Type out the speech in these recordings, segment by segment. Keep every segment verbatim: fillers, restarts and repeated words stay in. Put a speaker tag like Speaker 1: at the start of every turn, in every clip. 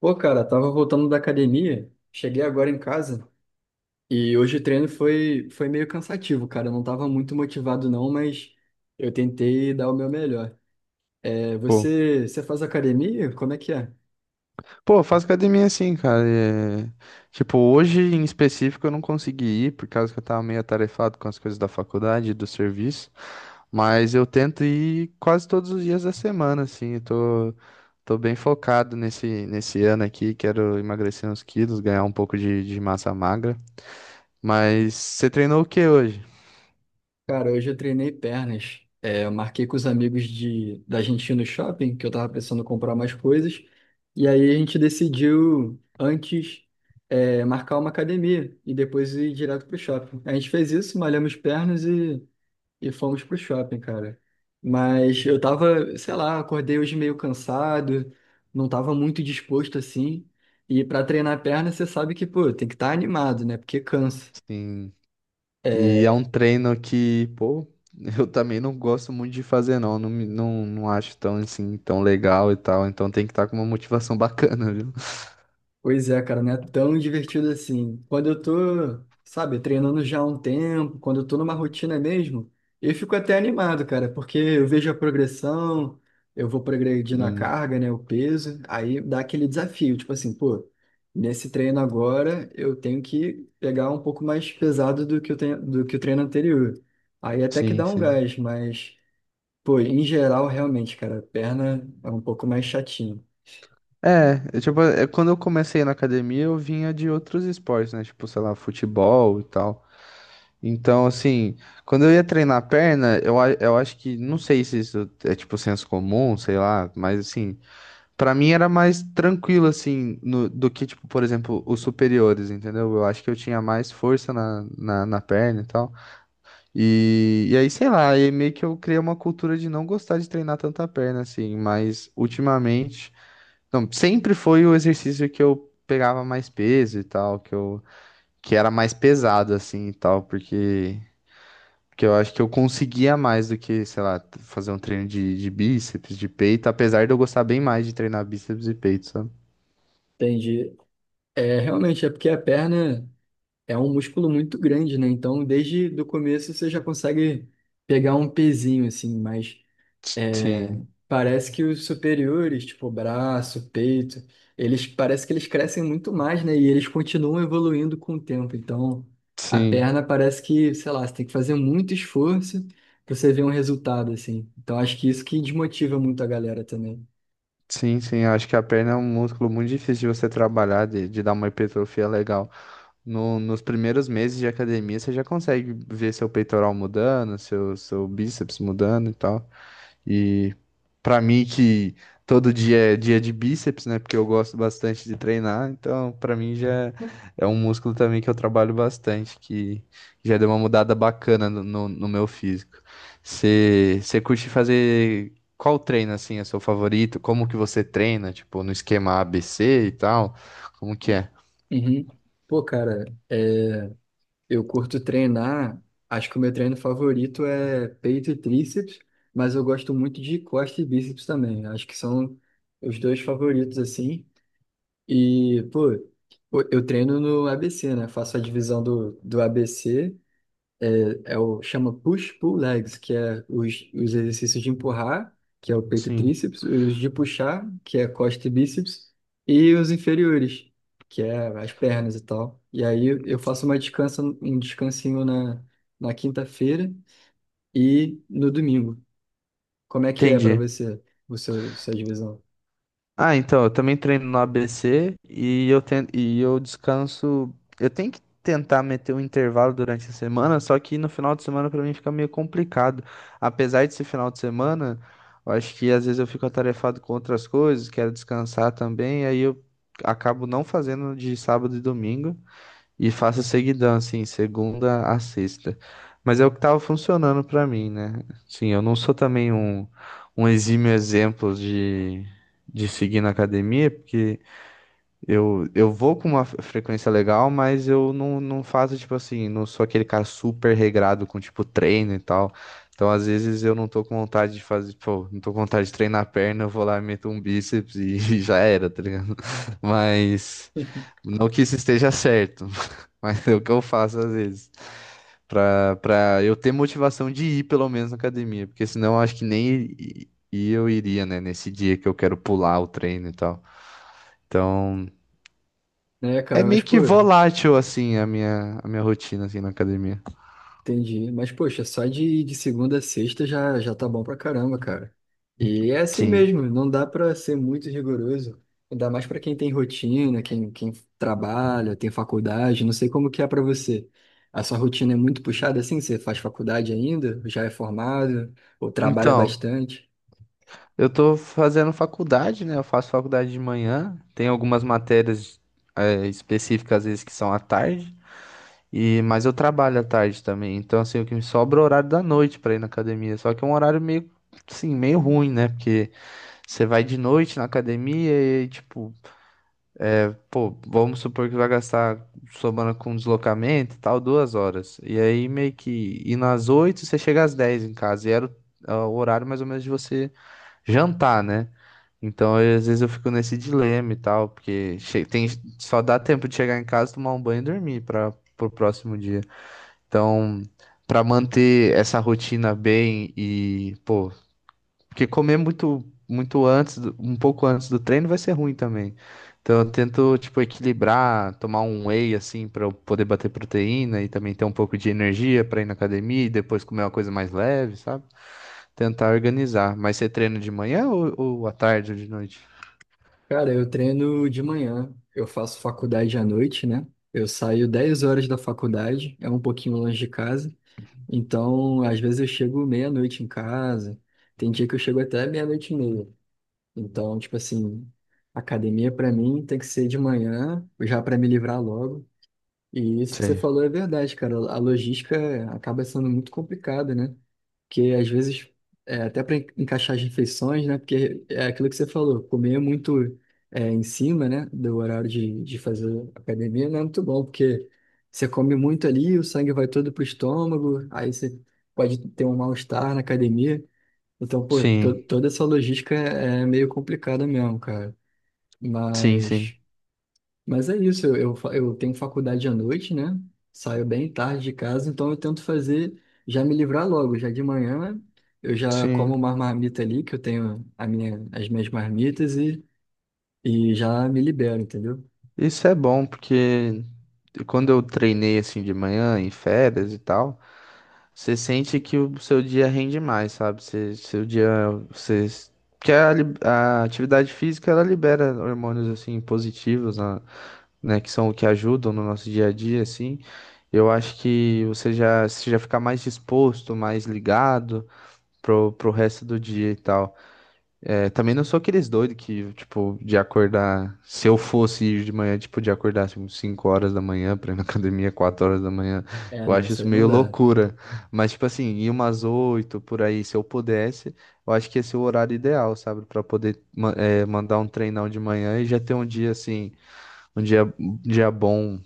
Speaker 1: Pô, cara, tava voltando da academia, cheguei agora em casa e hoje o treino foi, foi meio cansativo, cara. Eu não tava muito motivado não, mas eu tentei dar o meu melhor. É,
Speaker 2: Pô,
Speaker 1: você, você faz academia? Como é que é?
Speaker 2: pô, eu faço academia assim, cara. é, Tipo, hoje em específico eu não consegui ir por causa que eu tava meio atarefado com as coisas da faculdade e do serviço. Mas eu tento ir quase todos os dias da semana, assim. Eu tô, tô bem focado nesse, nesse ano aqui. Quero emagrecer uns quilos, ganhar um pouco de, de massa magra. Mas você treinou o que hoje?
Speaker 1: Cara, hoje eu treinei pernas. É, eu marquei com os amigos de, da gente ir no shopping, que eu tava precisando comprar mais coisas. E aí a gente decidiu antes, é, marcar uma academia e depois ir direto pro shopping. A gente fez isso, malhamos pernas e fomos pro shopping, cara. Mas eu tava, sei lá, acordei hoje meio cansado, não tava muito disposto assim. E pra treinar a perna, você sabe que, pô, tem que estar animado, né? Porque cansa.
Speaker 2: Sim. E é
Speaker 1: É,
Speaker 2: um treino que, pô, eu também não gosto muito de fazer, não. Não, me- não, não acho tão, assim, tão legal e tal. Então tem que estar com uma motivação bacana, viu?
Speaker 1: pois é, cara, não é tão divertido assim. Quando eu tô, sabe, treinando já há um tempo, quando eu tô numa rotina mesmo, eu fico até animado, cara, porque eu vejo a progressão, eu vou progredindo a
Speaker 2: Hum.
Speaker 1: carga, né, o peso, aí dá aquele desafio, tipo assim, pô, nesse treino agora eu tenho que pegar um pouco mais pesado do que eu tenho, do que o treino anterior. Aí até que
Speaker 2: Sim,
Speaker 1: dá um
Speaker 2: sim.
Speaker 1: gás, mas, pô, em geral, realmente, cara, a perna é um pouco mais chatinho.
Speaker 2: É, eu, tipo, é, quando eu comecei na academia, eu vinha de outros esportes, né? Tipo, sei lá, futebol e tal. Então, assim, quando eu ia treinar a perna, eu, a- eu acho que, não sei se isso é tipo senso comum, sei lá, mas assim, pra mim era mais tranquilo, assim, no- do que, tipo, por exemplo, os superiores, entendeu? Eu acho que eu tinha mais força na, na, na perna e tal. E, e aí, sei lá, aí meio que eu criei uma cultura de não gostar de treinar tanta perna, assim, mas ultimamente. Não, sempre foi o exercício que eu pegava mais peso e tal, que eu, que era mais pesado, assim, e tal, porque. Porque eu acho que eu conseguia mais do que, sei lá, fazer um treino de, de bíceps, de peito, apesar de eu gostar bem mais de treinar bíceps e peito, sabe?
Speaker 1: Entendi. É, realmente, é porque a perna. É um músculo muito grande, né? Então, desde do começo você já consegue pegar um pezinho, assim, mas é,
Speaker 2: Sim,
Speaker 1: parece que os superiores, tipo braço, peito, eles parece que eles crescem muito mais, né? E eles continuam evoluindo com o tempo. Então, a
Speaker 2: sim,
Speaker 1: perna parece que, sei lá, você tem que fazer muito esforço para você ver um resultado, assim. Então, acho que isso que desmotiva muito a galera também.
Speaker 2: sim, sim. Acho que a perna é um músculo muito difícil de você trabalhar, de, de dar uma hipertrofia legal. No, nos primeiros meses de academia, você já consegue ver seu peitoral mudando, seu, seu bíceps mudando e tal. E pra mim que todo dia é dia de bíceps, né? Porque eu gosto bastante de treinar, então pra mim já é um músculo também que eu trabalho bastante, que já deu uma mudada bacana no, no, no meu físico. Você você curte fazer qual treino assim é seu favorito? Como que você treina? Tipo, no esquema A B C e tal? Como que é?
Speaker 1: Uhum. Pô, cara, é, Eu curto treinar, acho que o meu treino favorito é peito e tríceps, mas eu gosto muito de costa e bíceps também. Acho que são os dois favoritos, assim. E, pô, pô, eu treino no A B C, né? Faço a divisão do, do A B C é o, chama push-pull legs, que é os, os exercícios de empurrar, que é o peito e
Speaker 2: Sim.
Speaker 1: tríceps, os de puxar, que é costa e bíceps, e os inferiores, que é as pernas e tal. E aí eu faço uma descansa, um descansinho na, na quinta-feira e no domingo. Como é que é para
Speaker 2: Entendi.
Speaker 1: você, o seu, sua divisão?
Speaker 2: Ah, então, eu também treino no A B C e eu, ten- e eu descanso. Eu tenho que tentar meter um intervalo durante a semana, só que no final de semana pra mim fica meio complicado. Apesar desse final de semana, eu acho que às vezes eu fico atarefado com outras coisas, quero descansar também, aí eu acabo não fazendo de sábado e domingo. E faço seguidão, assim, segunda a sexta. Mas é o que tava funcionando pra mim, né? Sim, eu não sou também um, um exímio exemplo de, de seguir na academia, porque eu, eu vou com uma frequência legal, mas eu não, não faço, tipo assim, não sou aquele cara super regrado com, tipo, treino e tal. Então, às vezes, eu não tô com vontade de fazer, pô, não tô com vontade de treinar a perna, eu vou lá e meto um bíceps e, e já era, tá ligado? Mas, não que isso esteja certo, mas é o que eu faço às vezes. Pra, pra eu ter motivação de ir, pelo menos, na academia, porque senão eu acho que nem i- i- eu iria, né, nesse dia que eu quero pular o treino e tal. Então.
Speaker 1: né,
Speaker 2: É
Speaker 1: cara, mas
Speaker 2: meio
Speaker 1: pô,
Speaker 2: que volátil, assim, a minha, a minha rotina, assim, na academia.
Speaker 1: entendi. Mas, poxa, só de, de segunda a sexta já, já tá bom pra caramba, cara. E é assim
Speaker 2: Sim.
Speaker 1: mesmo, não dá pra ser muito rigoroso. Dá mais pra quem tem rotina, quem, quem trabalha, tem faculdade. Não sei como que é pra você. A sua rotina é muito puxada assim? Você faz faculdade ainda? Já é formado? Ou trabalha
Speaker 2: Então,
Speaker 1: bastante?
Speaker 2: eu tô fazendo faculdade, né? Eu faço faculdade de manhã. Tem algumas matérias, é, específicas, às vezes, que são à tarde. E, mas eu trabalho à tarde também. Então, assim, o que me sobra é o horário da noite pra ir na academia. Só que é um horário meio, assim, meio ruim, né? Porque você vai de noite na academia e, tipo, pô, vamos supor que vai gastar, somando com deslocamento e tal, duas horas. E aí meio que ir nas oito, você chega às dez em casa. E era o, é o horário mais ou menos de você jantar, né? Então, aí, às vezes eu fico nesse dilema e tal, porque che- tem, só dá tempo de chegar em casa, tomar um banho e dormir para pro próximo dia. Então, para manter essa rotina bem e, pô, porque comer muito, muito antes, do- um pouco antes do treino vai ser ruim também. Então eu tento, tipo, equilibrar, tomar um whey, assim, para eu poder bater proteína e também ter um pouco de energia para ir na academia e depois comer uma coisa mais leve, sabe? Tentar organizar. Mas você treina de manhã ou, ou à tarde ou de noite?
Speaker 1: Cara, eu treino de manhã. Eu faço faculdade à noite, né? Eu saio dez horas da faculdade, é um pouquinho longe de casa. Então, às vezes eu chego meia-noite em casa, tem dia que eu chego até meia-noite e meia. Então, tipo assim, academia pra mim tem que ser de manhã, já pra me livrar logo. E isso que você
Speaker 2: Sei.
Speaker 1: falou é verdade, cara. A logística acaba sendo muito complicada, né? Que às vezes, é, até para encaixar as refeições, né? Porque é aquilo que você falou, comer é muito é, em cima, né? Do horário de, de fazer academia não é muito bom, porque você come muito ali, o sangue vai todo pro estômago, aí você pode ter um mal-estar na academia. Então, pô, to-
Speaker 2: Sim,
Speaker 1: toda essa logística é é meio complicada mesmo, cara.
Speaker 2: sim, sim,
Speaker 1: Mas. Mas é isso, eu, eu, fa- eu tenho faculdade à noite, né? Saio bem tarde de casa, então eu tento fazer, já me livrar logo, já de manhã eu já como
Speaker 2: sim.
Speaker 1: uma marmita ali, que eu tenho a minha, as minhas marmitas e, e já me libero, entendeu?
Speaker 2: Isso é bom, porque quando eu treinei, assim, de manhã, em férias e tal. Você sente que o seu dia rende mais, sabe? Você, seu dia, você, que a, li- a atividade física ela libera hormônios assim positivos, na- né? Que são o que ajudam no nosso dia a dia, assim. Eu acho que você já, você já fica mais disposto, mais ligado pro, pro resto do dia e tal. É, também não sou aqueles doidos que, tipo, de acordar. Se eu fosse ir de manhã, tipo, de acordar tipo, cinco horas da manhã pra ir na academia quatro horas da manhã.
Speaker 1: É,
Speaker 2: Eu
Speaker 1: não,
Speaker 2: acho
Speaker 1: isso
Speaker 2: isso
Speaker 1: aí não
Speaker 2: meio
Speaker 1: dá.
Speaker 2: loucura. Mas, tipo assim, ir umas oito por aí, se eu pudesse, eu acho que esse é o horário ideal, sabe? Pra poder ma- é, mandar um treinão de manhã e já ter um dia, assim, um dia, um dia bom,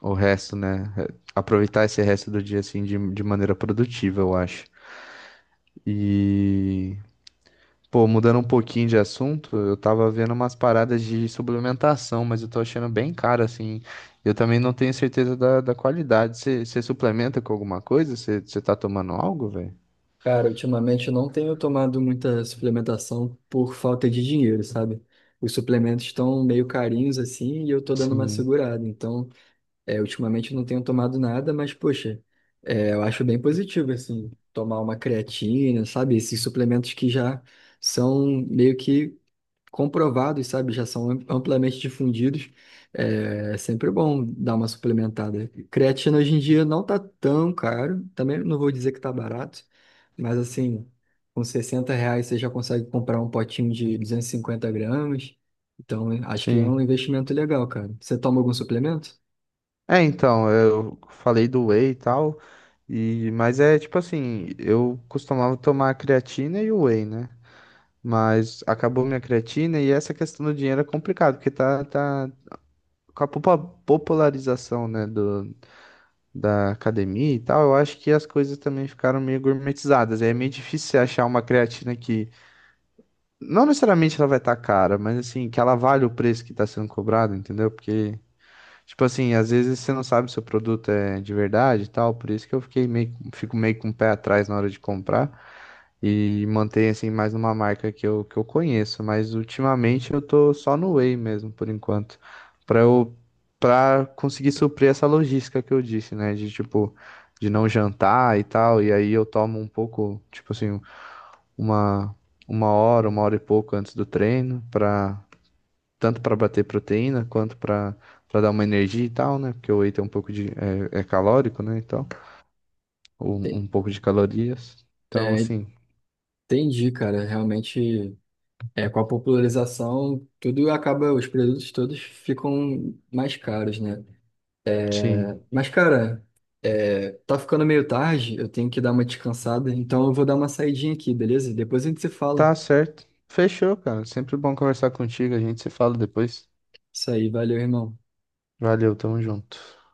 Speaker 2: o resto, né? É, aproveitar esse resto do dia, assim, de, de maneira produtiva, eu acho. E. Pô, mudando um pouquinho de assunto, eu tava vendo umas paradas de suplementação, mas eu tô achando bem caro, assim. Eu também não tenho certeza da, da qualidade. Você suplementa com alguma coisa? Você tá tomando algo, velho?
Speaker 1: Cara, ultimamente eu não tenho tomado muita suplementação por falta de dinheiro, sabe? Os suplementos estão meio carinhos assim e eu tô dando uma
Speaker 2: Sim,
Speaker 1: segurada, então é, ultimamente eu não tenho tomado nada, mas, poxa, é, eu acho bem positivo, assim, tomar uma creatina, sabe? Esses suplementos que já são meio que comprovados, sabe? Já são amplamente difundidos. É, é sempre bom dar uma suplementada. Creatina hoje em dia não tá tão caro, também não vou dizer que tá barato, mas, assim, com sessenta reais você já consegue comprar um potinho de duzentos e cinquenta gramas. Então, acho que é
Speaker 2: sim.
Speaker 1: um investimento legal, cara. Você toma algum suplemento?
Speaker 2: É, então, eu falei do whey e tal, e, mas é tipo assim, eu costumava tomar a creatina e o whey, né? Mas acabou minha creatina e essa questão do dinheiro é complicado, porque tá, tá com a popa- popularização, né, do, da academia e tal, eu acho que as coisas também ficaram meio gourmetizadas. É meio difícil você achar uma creatina que, não necessariamente ela vai estar cara, mas assim, que ela vale o preço que está sendo cobrado, entendeu? Porque, tipo assim, às vezes você não sabe se o produto é de verdade e tal, por isso que eu fiquei meio, fico meio com o pé atrás na hora de comprar e manter assim mais numa marca que eu, que eu conheço, mas ultimamente eu tô só no Whey mesmo por enquanto, para eu para conseguir suprir essa logística que eu disse, né, de tipo de não jantar e tal, e aí eu tomo um pouco, tipo assim, uma uma hora, uma hora e pouco antes do treino, para tanto para bater proteína quanto para para dar uma energia e tal, né? Porque o whey tem um pouco de é, é calórico, né? Então, um, um pouco de calorias. Então,
Speaker 1: É,
Speaker 2: assim,
Speaker 1: entendi, cara. Realmente, é, com a popularização, tudo acaba, os produtos todos ficam mais caros, né?
Speaker 2: sim.
Speaker 1: Mas, cara, é, tá ficando meio tarde, eu tenho que dar uma descansada, então eu vou dar uma saidinha aqui, beleza? Depois a gente se fala.
Speaker 2: Tá certo. Fechou, cara. Sempre bom conversar contigo. A gente se fala depois.
Speaker 1: Isso aí, valeu, irmão.
Speaker 2: Valeu, tamo junto.